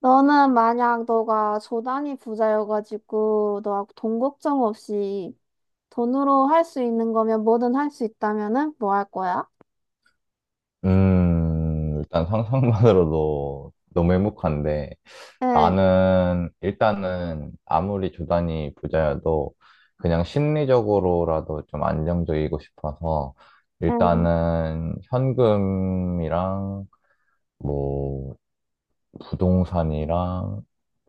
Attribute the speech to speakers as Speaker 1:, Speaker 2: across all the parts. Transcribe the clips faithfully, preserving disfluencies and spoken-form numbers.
Speaker 1: 너는 만약 너가 조단이 부자여가지고 너하고 돈 걱정 없이 돈으로 할 수 있는 거면 뭐든 할 수 있다면은 뭐 할 거야?
Speaker 2: 음, 일단 상상만으로도 너무 행복한데,
Speaker 1: 응.
Speaker 2: 나는 일단은 아무리 조단이 부자여도 그냥 심리적으로라도 좀 안정적이고 싶어서
Speaker 1: 응.
Speaker 2: 일단은 현금이랑 뭐 부동산이랑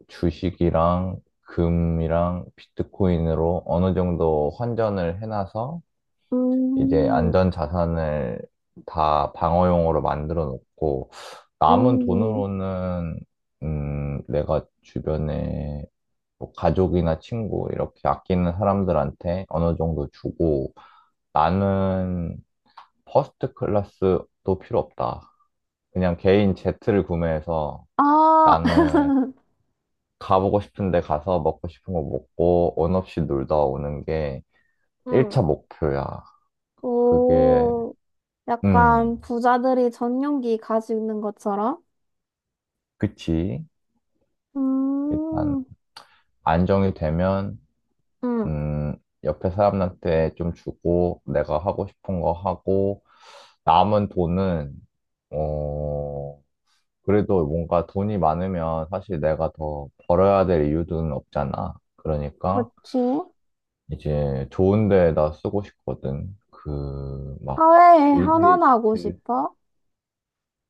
Speaker 2: 주식이랑 금이랑 비트코인으로 어느 정도 환전을 해놔서 이제
Speaker 1: 음.
Speaker 2: 안전 자산을 다 방어용으로 만들어 놓고 남은
Speaker 1: 음.
Speaker 2: 돈으로는 음, 내가 주변에 뭐 가족이나 친구 이렇게 아끼는 사람들한테 어느 정도 주고 나는 퍼스트 클래스도 필요 없다. 그냥 개인 제트를 구매해서
Speaker 1: 아,
Speaker 2: 나는 가보고 싶은데 가서 먹고 싶은 거 먹고 원 없이 놀다 오는 게
Speaker 1: 응.
Speaker 2: 일 차 목표야. 그게
Speaker 1: 오,
Speaker 2: 음,
Speaker 1: 약간 부자들이 전용기 가지고 있는 것처럼?
Speaker 2: 그치. 일단
Speaker 1: 음.
Speaker 2: 안정이 되면
Speaker 1: 응.
Speaker 2: 음, 옆에 사람한테 좀 주고 내가 하고 싶은 거 하고 남은 돈은 어, 그래도 뭔가 돈이 많으면 사실 내가 더 벌어야 될 이유는 없잖아. 그러니까
Speaker 1: 그치?
Speaker 2: 이제 좋은 데에다 쓰고 싶거든. 그, 막,
Speaker 1: 사회에
Speaker 2: 빌
Speaker 1: 환원하고
Speaker 2: 게이츠.
Speaker 1: 싶어?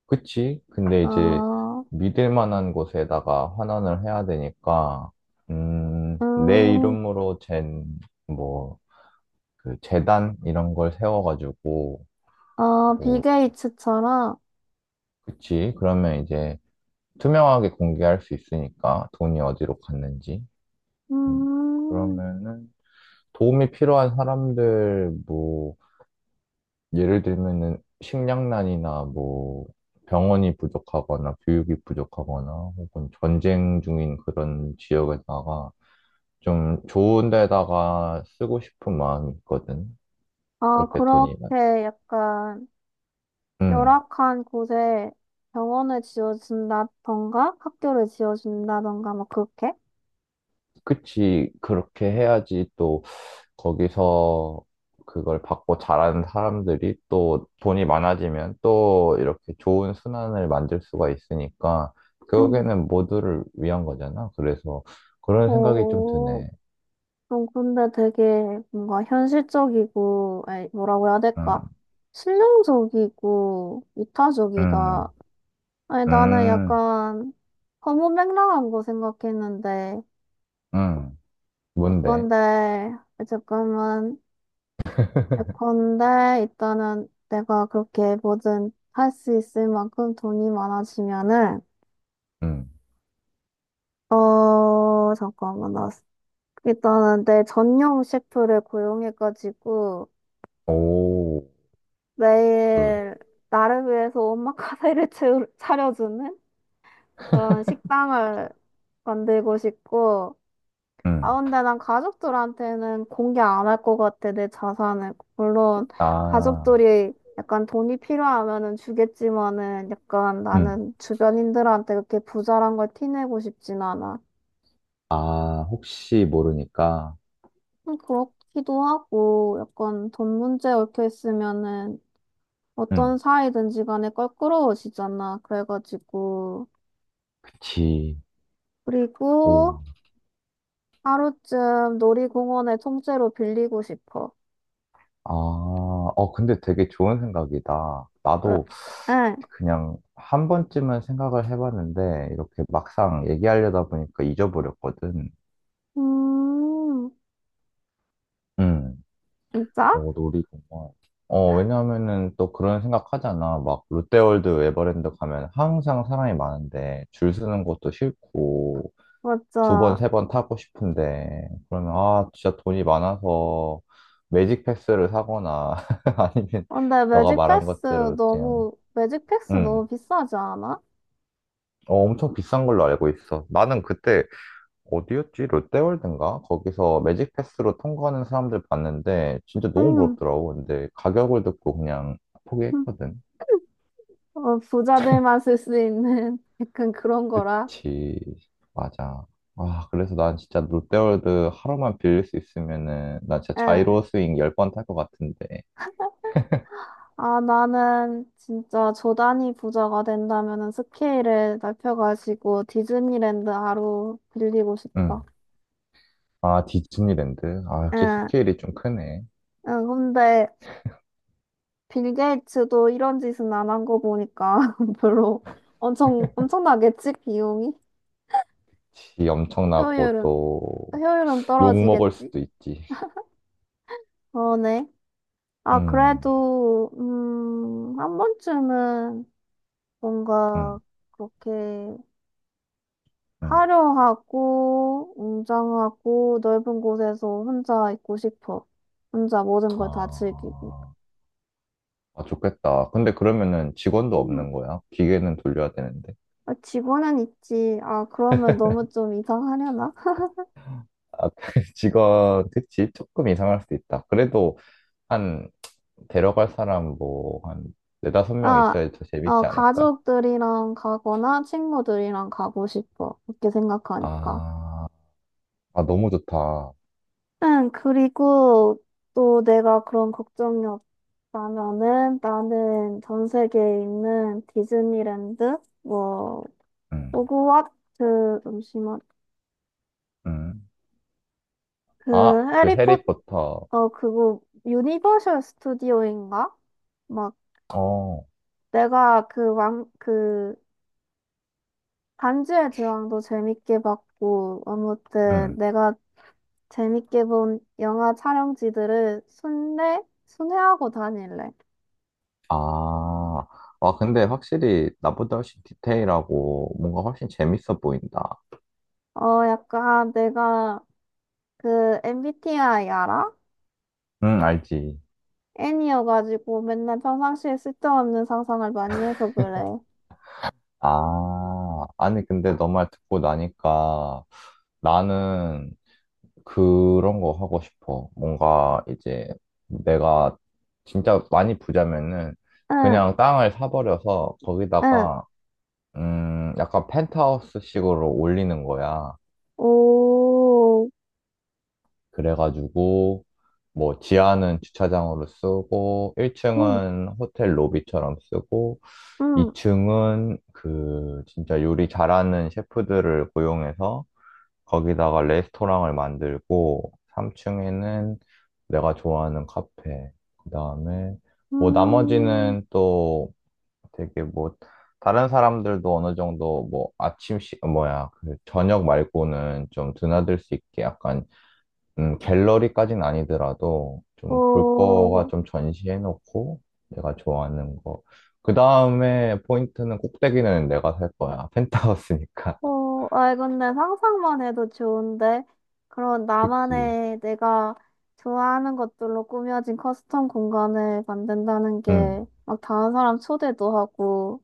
Speaker 2: 그치? 근데 이제
Speaker 1: 어.
Speaker 2: 믿을 만한 곳에다가 환원을 해야 되니까, 음, 내
Speaker 1: 음.
Speaker 2: 이름으로 잰, 뭐, 그 재단 이런 걸 세워가지고
Speaker 1: 어, 빌
Speaker 2: 뭐
Speaker 1: 게이츠처럼?
Speaker 2: 그치 그러면 이제 투명하게 공개할 수 있으니까 돈이 어디로 갔는지 음,
Speaker 1: 음.
Speaker 2: 그러면은 도움이 필요한 사람들 뭐 예를 들면은 식량난이나 뭐 병원이 부족하거나 교육이 부족하거나 혹은 전쟁 중인 그런 지역에다가 좀 좋은 데다가 쓰고 싶은 마음이 있거든.
Speaker 1: 아,
Speaker 2: 그렇게 돈이 많-
Speaker 1: 그렇게 약간
Speaker 2: 음
Speaker 1: 열악한 곳에 병원을 지어준다던가 학교를 지어준다던가 막 그렇게?
Speaker 2: 그치, 그렇게 해야지. 또 거기서 그걸 받고 잘하는 사람들이 또 돈이 많아지면 또 이렇게 좋은 순환을 만들 수가 있으니까
Speaker 1: 음.
Speaker 2: 결국에는 모두를 위한 거잖아. 그래서 그런 생각이 좀
Speaker 1: 어,
Speaker 2: 드네.
Speaker 1: 좀 근데 되게 뭔가 현실적이고, 아니, 뭐라고 해야 될까?
Speaker 2: 음,
Speaker 1: 실용적이고
Speaker 2: 음,
Speaker 1: 이타적이다. 아니, 나는
Speaker 2: 음,
Speaker 1: 약간 허무맹랑한 거 생각했는데,
Speaker 2: 음. 뭔데?
Speaker 1: 예쁜데, 잠깐만. 예컨대 일단은 내가 그렇게 뭐든 할 수 있을 만큼 돈이 많아지면은,
Speaker 2: 음.
Speaker 1: 어, 잠깐만. 나 일단은 내 전용 셰프를 고용해가지고
Speaker 2: 오, 그,
Speaker 1: 매일 나를 위해서 오마카세를 채우- 차려주는 그런 식당을 만들고 싶고.
Speaker 2: 음.
Speaker 1: 아, 근데 난 가족들한테는 공개 안 할 것 같아, 내 자산을. 물론
Speaker 2: 아,
Speaker 1: 가족들이 약간 돈이 필요하면은 주겠지만은, 약간
Speaker 2: 음.
Speaker 1: 나는 주변인들한테 그렇게 부자란 걸 티내고 싶진 않아.
Speaker 2: 아, 혹시 모르니까.
Speaker 1: 음, 그렇기도 하고, 약간 돈 문제 얽혀 있으면은 어떤
Speaker 2: 음.
Speaker 1: 사이든지 간에 껄끄러워지잖아. 그래가지고.
Speaker 2: 그치.
Speaker 1: 그리고
Speaker 2: 오.
Speaker 1: 하루쯤 놀이공원에 통째로 빌리고 싶어.
Speaker 2: 아, 어, 근데 되게 좋은 생각이다.
Speaker 1: 응.
Speaker 2: 나도
Speaker 1: 응.
Speaker 2: 그냥 한 번쯤은 생각을 해봤는데 이렇게 막상 얘기하려다 보니까 잊어버렸거든.
Speaker 1: 음.
Speaker 2: 응.
Speaker 1: 진짜?
Speaker 2: 어, 놀이공원. 어, 왜냐하면은 또 그런 생각하잖아. 막 롯데월드, 에버랜드 가면 항상 사람이 많은데 줄 서는 것도 싫고 두 번,
Speaker 1: 맞아.
Speaker 2: 세 번 타고 싶은데 그러면 아, 진짜 돈이 많아서 매직 패스를 사거나 아니면
Speaker 1: 근데
Speaker 2: 너가
Speaker 1: 매직
Speaker 2: 말한
Speaker 1: 패스
Speaker 2: 것대로 그냥.
Speaker 1: 너무, 매직 패스
Speaker 2: 응.
Speaker 1: 너무 비싸지 않아?
Speaker 2: 어, 엄청 비싼 걸로 알고 있어. 나는 그때 어디였지? 롯데월드인가? 거기서 매직 패스로 통과하는 사람들 봤는데 진짜 너무
Speaker 1: 응.
Speaker 2: 부럽더라고. 근데 가격을 듣고 그냥
Speaker 1: 응.
Speaker 2: 포기했거든.
Speaker 1: 어, 부자들만 쓸 수 있는 약간 그런 거라.
Speaker 2: 그치. 맞아. 아, 그래서 난 진짜 롯데월드 하루만 빌릴 수 있으면은 나 진짜
Speaker 1: 응.
Speaker 2: 자이로 스윙 열 번 탈 것 같은데.
Speaker 1: 아, 나는 진짜 조단이 부자가 된다면은 스케일을 넓혀가지고 디즈니랜드 하루 빌리고 싶다.
Speaker 2: 응. 아, 디즈니랜드. 아, 역시
Speaker 1: 응.
Speaker 2: 스케일이 좀 크네.
Speaker 1: 응. 근데 빌 게이츠도 이런 짓은 안 한 거 보니까 별로. 엄청, 엄청나겠지? 비용이?
Speaker 2: 지 엄청나고
Speaker 1: 효율은,
Speaker 2: 또
Speaker 1: 효율은
Speaker 2: 욕먹을
Speaker 1: 떨어지겠지?
Speaker 2: 수도 있지.
Speaker 1: 어. 네. 아,
Speaker 2: 음,
Speaker 1: 그래도, 음, 한 번쯤은 뭔가
Speaker 2: 음,
Speaker 1: 그렇게
Speaker 2: 음.
Speaker 1: 화려하고, 웅장하고, 넓은 곳에서 혼자 있고 싶어. 혼자 모든 걸 다 즐기고.
Speaker 2: 아. 아, 좋겠다. 근데 그러면은 직원도
Speaker 1: 음,
Speaker 2: 없는 거야? 기계는 돌려야 되는데.
Speaker 1: 아, 직원은 있지. 아, 그러면 너무 좀 이상하려나?
Speaker 2: 아, 직원, 그치? 조금 이상할 수도 있다. 그래도 한, 데려갈 사람 뭐, 한, 네다섯 명
Speaker 1: 아,
Speaker 2: 있어야 더
Speaker 1: 어,
Speaker 2: 재밌지 않을까?
Speaker 1: 가족들이랑 가거나 친구들이랑 가고 싶어. 이렇게 생각하니까.
Speaker 2: 아, 아, 너무 좋다.
Speaker 1: 응, 그리고 또 내가 그런 걱정이. 그러면은 나는 전 세계에 있는 디즈니랜드, 뭐,
Speaker 2: 응,
Speaker 1: 호그와트, 잠시만.
Speaker 2: 응.
Speaker 1: 그,
Speaker 2: 아, 그
Speaker 1: 해리포터,
Speaker 2: 해리포터.
Speaker 1: 어, 그거, 유니버셜 스튜디오인가? 막,
Speaker 2: 어,
Speaker 1: 내가 그 왕, 그, 반지의 제왕도 재밌게 봤고, 아무튼
Speaker 2: 응.
Speaker 1: 내가 재밌게 본 영화 촬영지들을 순례? 순회하고 다닐래.
Speaker 2: 아, 아, 근데 확실히 나보다 훨씬 디테일하고 뭔가 훨씬 재밌어 보인다.
Speaker 1: 어, 약간 내가 그 엠비티아이 알아?
Speaker 2: 응, 알지.
Speaker 1: N이어가지고 맨날 평상시에 쓸데없는 상상을 많이 해서 그래.
Speaker 2: 아, 아니, 근데 너 말 듣고 나니까 나는 그런 거 하고 싶어. 뭔가 이제 내가 진짜 많이 부자면은
Speaker 1: 응.
Speaker 2: 그냥 땅을 사버려서
Speaker 1: 응.
Speaker 2: 거기다가, 음, 약간 펜트하우스식으로 올리는 거야.
Speaker 1: 오.
Speaker 2: 그래가지고, 뭐, 지하는 주차장으로 쓰고,
Speaker 1: 음.
Speaker 2: 일 층은 호텔 로비처럼 쓰고,
Speaker 1: 음.
Speaker 2: 이 층은 그 진짜 요리 잘하는 셰프들을 고용해서 거기다가 레스토랑을 만들고, 삼 층에는 내가 좋아하는 카페. 그다음에 뭐
Speaker 1: 음.
Speaker 2: 나머지는 또 되게 뭐 다른 사람들도 어느 정도 뭐 아침 시 뭐야 그 저녁 말고는 좀 드나들 수 있게 약간, 음 갤러리까지는 아니더라도 좀 볼 거가
Speaker 1: 오.
Speaker 2: 좀 전시해 놓고, 내가 좋아하는 거. 그다음에 포인트는 꼭대기는 내가 살 거야. 펜트하우스니까.
Speaker 1: 오. 아, 근데 상상만 해도 좋은데? 그런
Speaker 2: 그치.
Speaker 1: 나만의 내가 좋아하는 것들로 꾸며진 커스텀 공간을 만든다는
Speaker 2: 응.
Speaker 1: 게, 막 다른 사람 초대도 하고.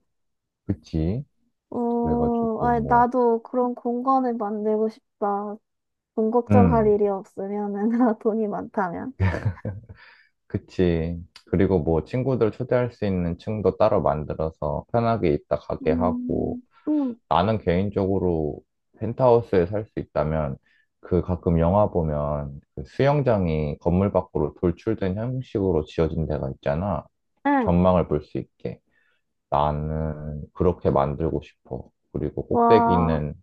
Speaker 2: 그치.
Speaker 1: 오,
Speaker 2: 그래가지고
Speaker 1: 아,
Speaker 2: 뭐,
Speaker 1: 나도 그런 공간을 만들고 싶다. 돈 걱정할
Speaker 2: 음,
Speaker 1: 일이 없으면은, 돈이 많다면.
Speaker 2: 그치. 그리고 뭐 친구들 초대할 수 있는 층도 따로 만들어서 편하게 있다 가게 하고
Speaker 1: 음. 음.
Speaker 2: 나는 개인적으로 펜트하우스에 살 수 있다면 그 가끔 영화 보면 그 수영장이 건물 밖으로 돌출된 형식으로 지어진 데가 있잖아.
Speaker 1: 응.
Speaker 2: 전망을 볼 수 있게. 나는 그렇게 만들고 싶어. 그리고
Speaker 1: 와.
Speaker 2: 꼭대기는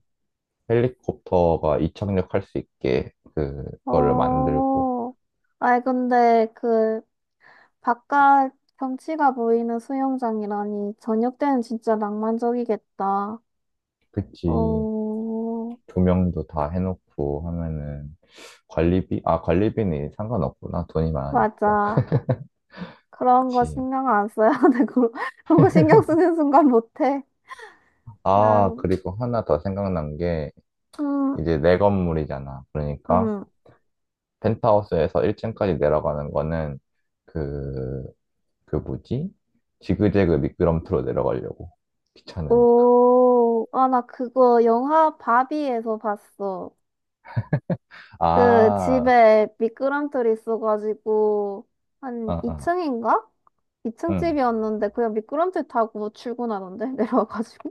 Speaker 2: 헬리콥터가 이착륙할 수 있게 그거를 만들고.
Speaker 1: 어. 아이, 근데 그, 바깥 경치가 보이는 수영장이라니, 저녁 때는 진짜 낭만적이겠다.
Speaker 2: 그치.
Speaker 1: 어,
Speaker 2: 조명도 다 해놓고 하면은 관리비? 아, 관리비는 상관없구나. 돈이 많으니까.
Speaker 1: 맞아. 그런 거
Speaker 2: 그치.
Speaker 1: 신경 안 써야 되고, 그런 거 신경 쓰는 순간 못해. 나,
Speaker 2: 아, 그리고 하나 더 생각난 게
Speaker 1: 음,
Speaker 2: 이제 내 건물이잖아. 그러니까
Speaker 1: 음.
Speaker 2: 펜트하우스에서 일 층까지 내려가는 거는 그, 그 뭐지? 지그재그 미끄럼틀로 내려가려고. 귀찮으니까.
Speaker 1: 오, 아, 나 그거 영화 바비에서 봤어. 그
Speaker 2: 아,
Speaker 1: 집에 미끄럼틀이 있어가지고 한
Speaker 2: 아, 아,
Speaker 1: 이 층인가? 이 층
Speaker 2: 응.
Speaker 1: 집이었는데 그냥 미끄럼틀 타고 출근하던데 내려와가지고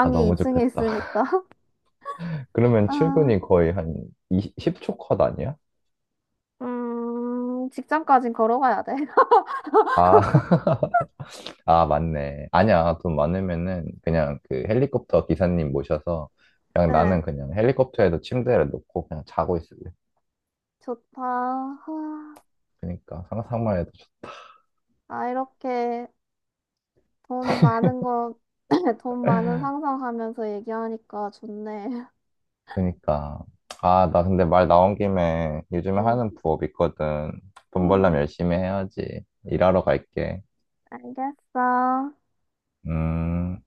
Speaker 2: 아, 너무
Speaker 1: 이 층에
Speaker 2: 좋겠다.
Speaker 1: 있으니까
Speaker 2: 그러면
Speaker 1: 아,
Speaker 2: 출근이 거의 한 이십 십 초 컷 아니야?
Speaker 1: 음, 직장까진 걸어가야 돼.
Speaker 2: 아, 아, 맞네. 아니야. 돈 많으면은 그냥 그 헬리콥터 기사님 모셔서 그냥
Speaker 1: 네,
Speaker 2: 나는 그냥 헬리콥터에도 침대를 놓고 그냥 자고 있을래.
Speaker 1: 좋다. 아,
Speaker 2: 그니까 상상만 해도 좋-
Speaker 1: 아, 이렇게 돈 많은 거, 돈 많은 상상하면서 얘기하니까 좋네.
Speaker 2: 그니까 아, 나 근데 말 나온 김에 요즘에
Speaker 1: 음.
Speaker 2: 하는 부업 있거든. 돈
Speaker 1: 음.
Speaker 2: 벌려면 열심히 해야지. 일하러 갈게.
Speaker 1: 알겠어.
Speaker 2: 음.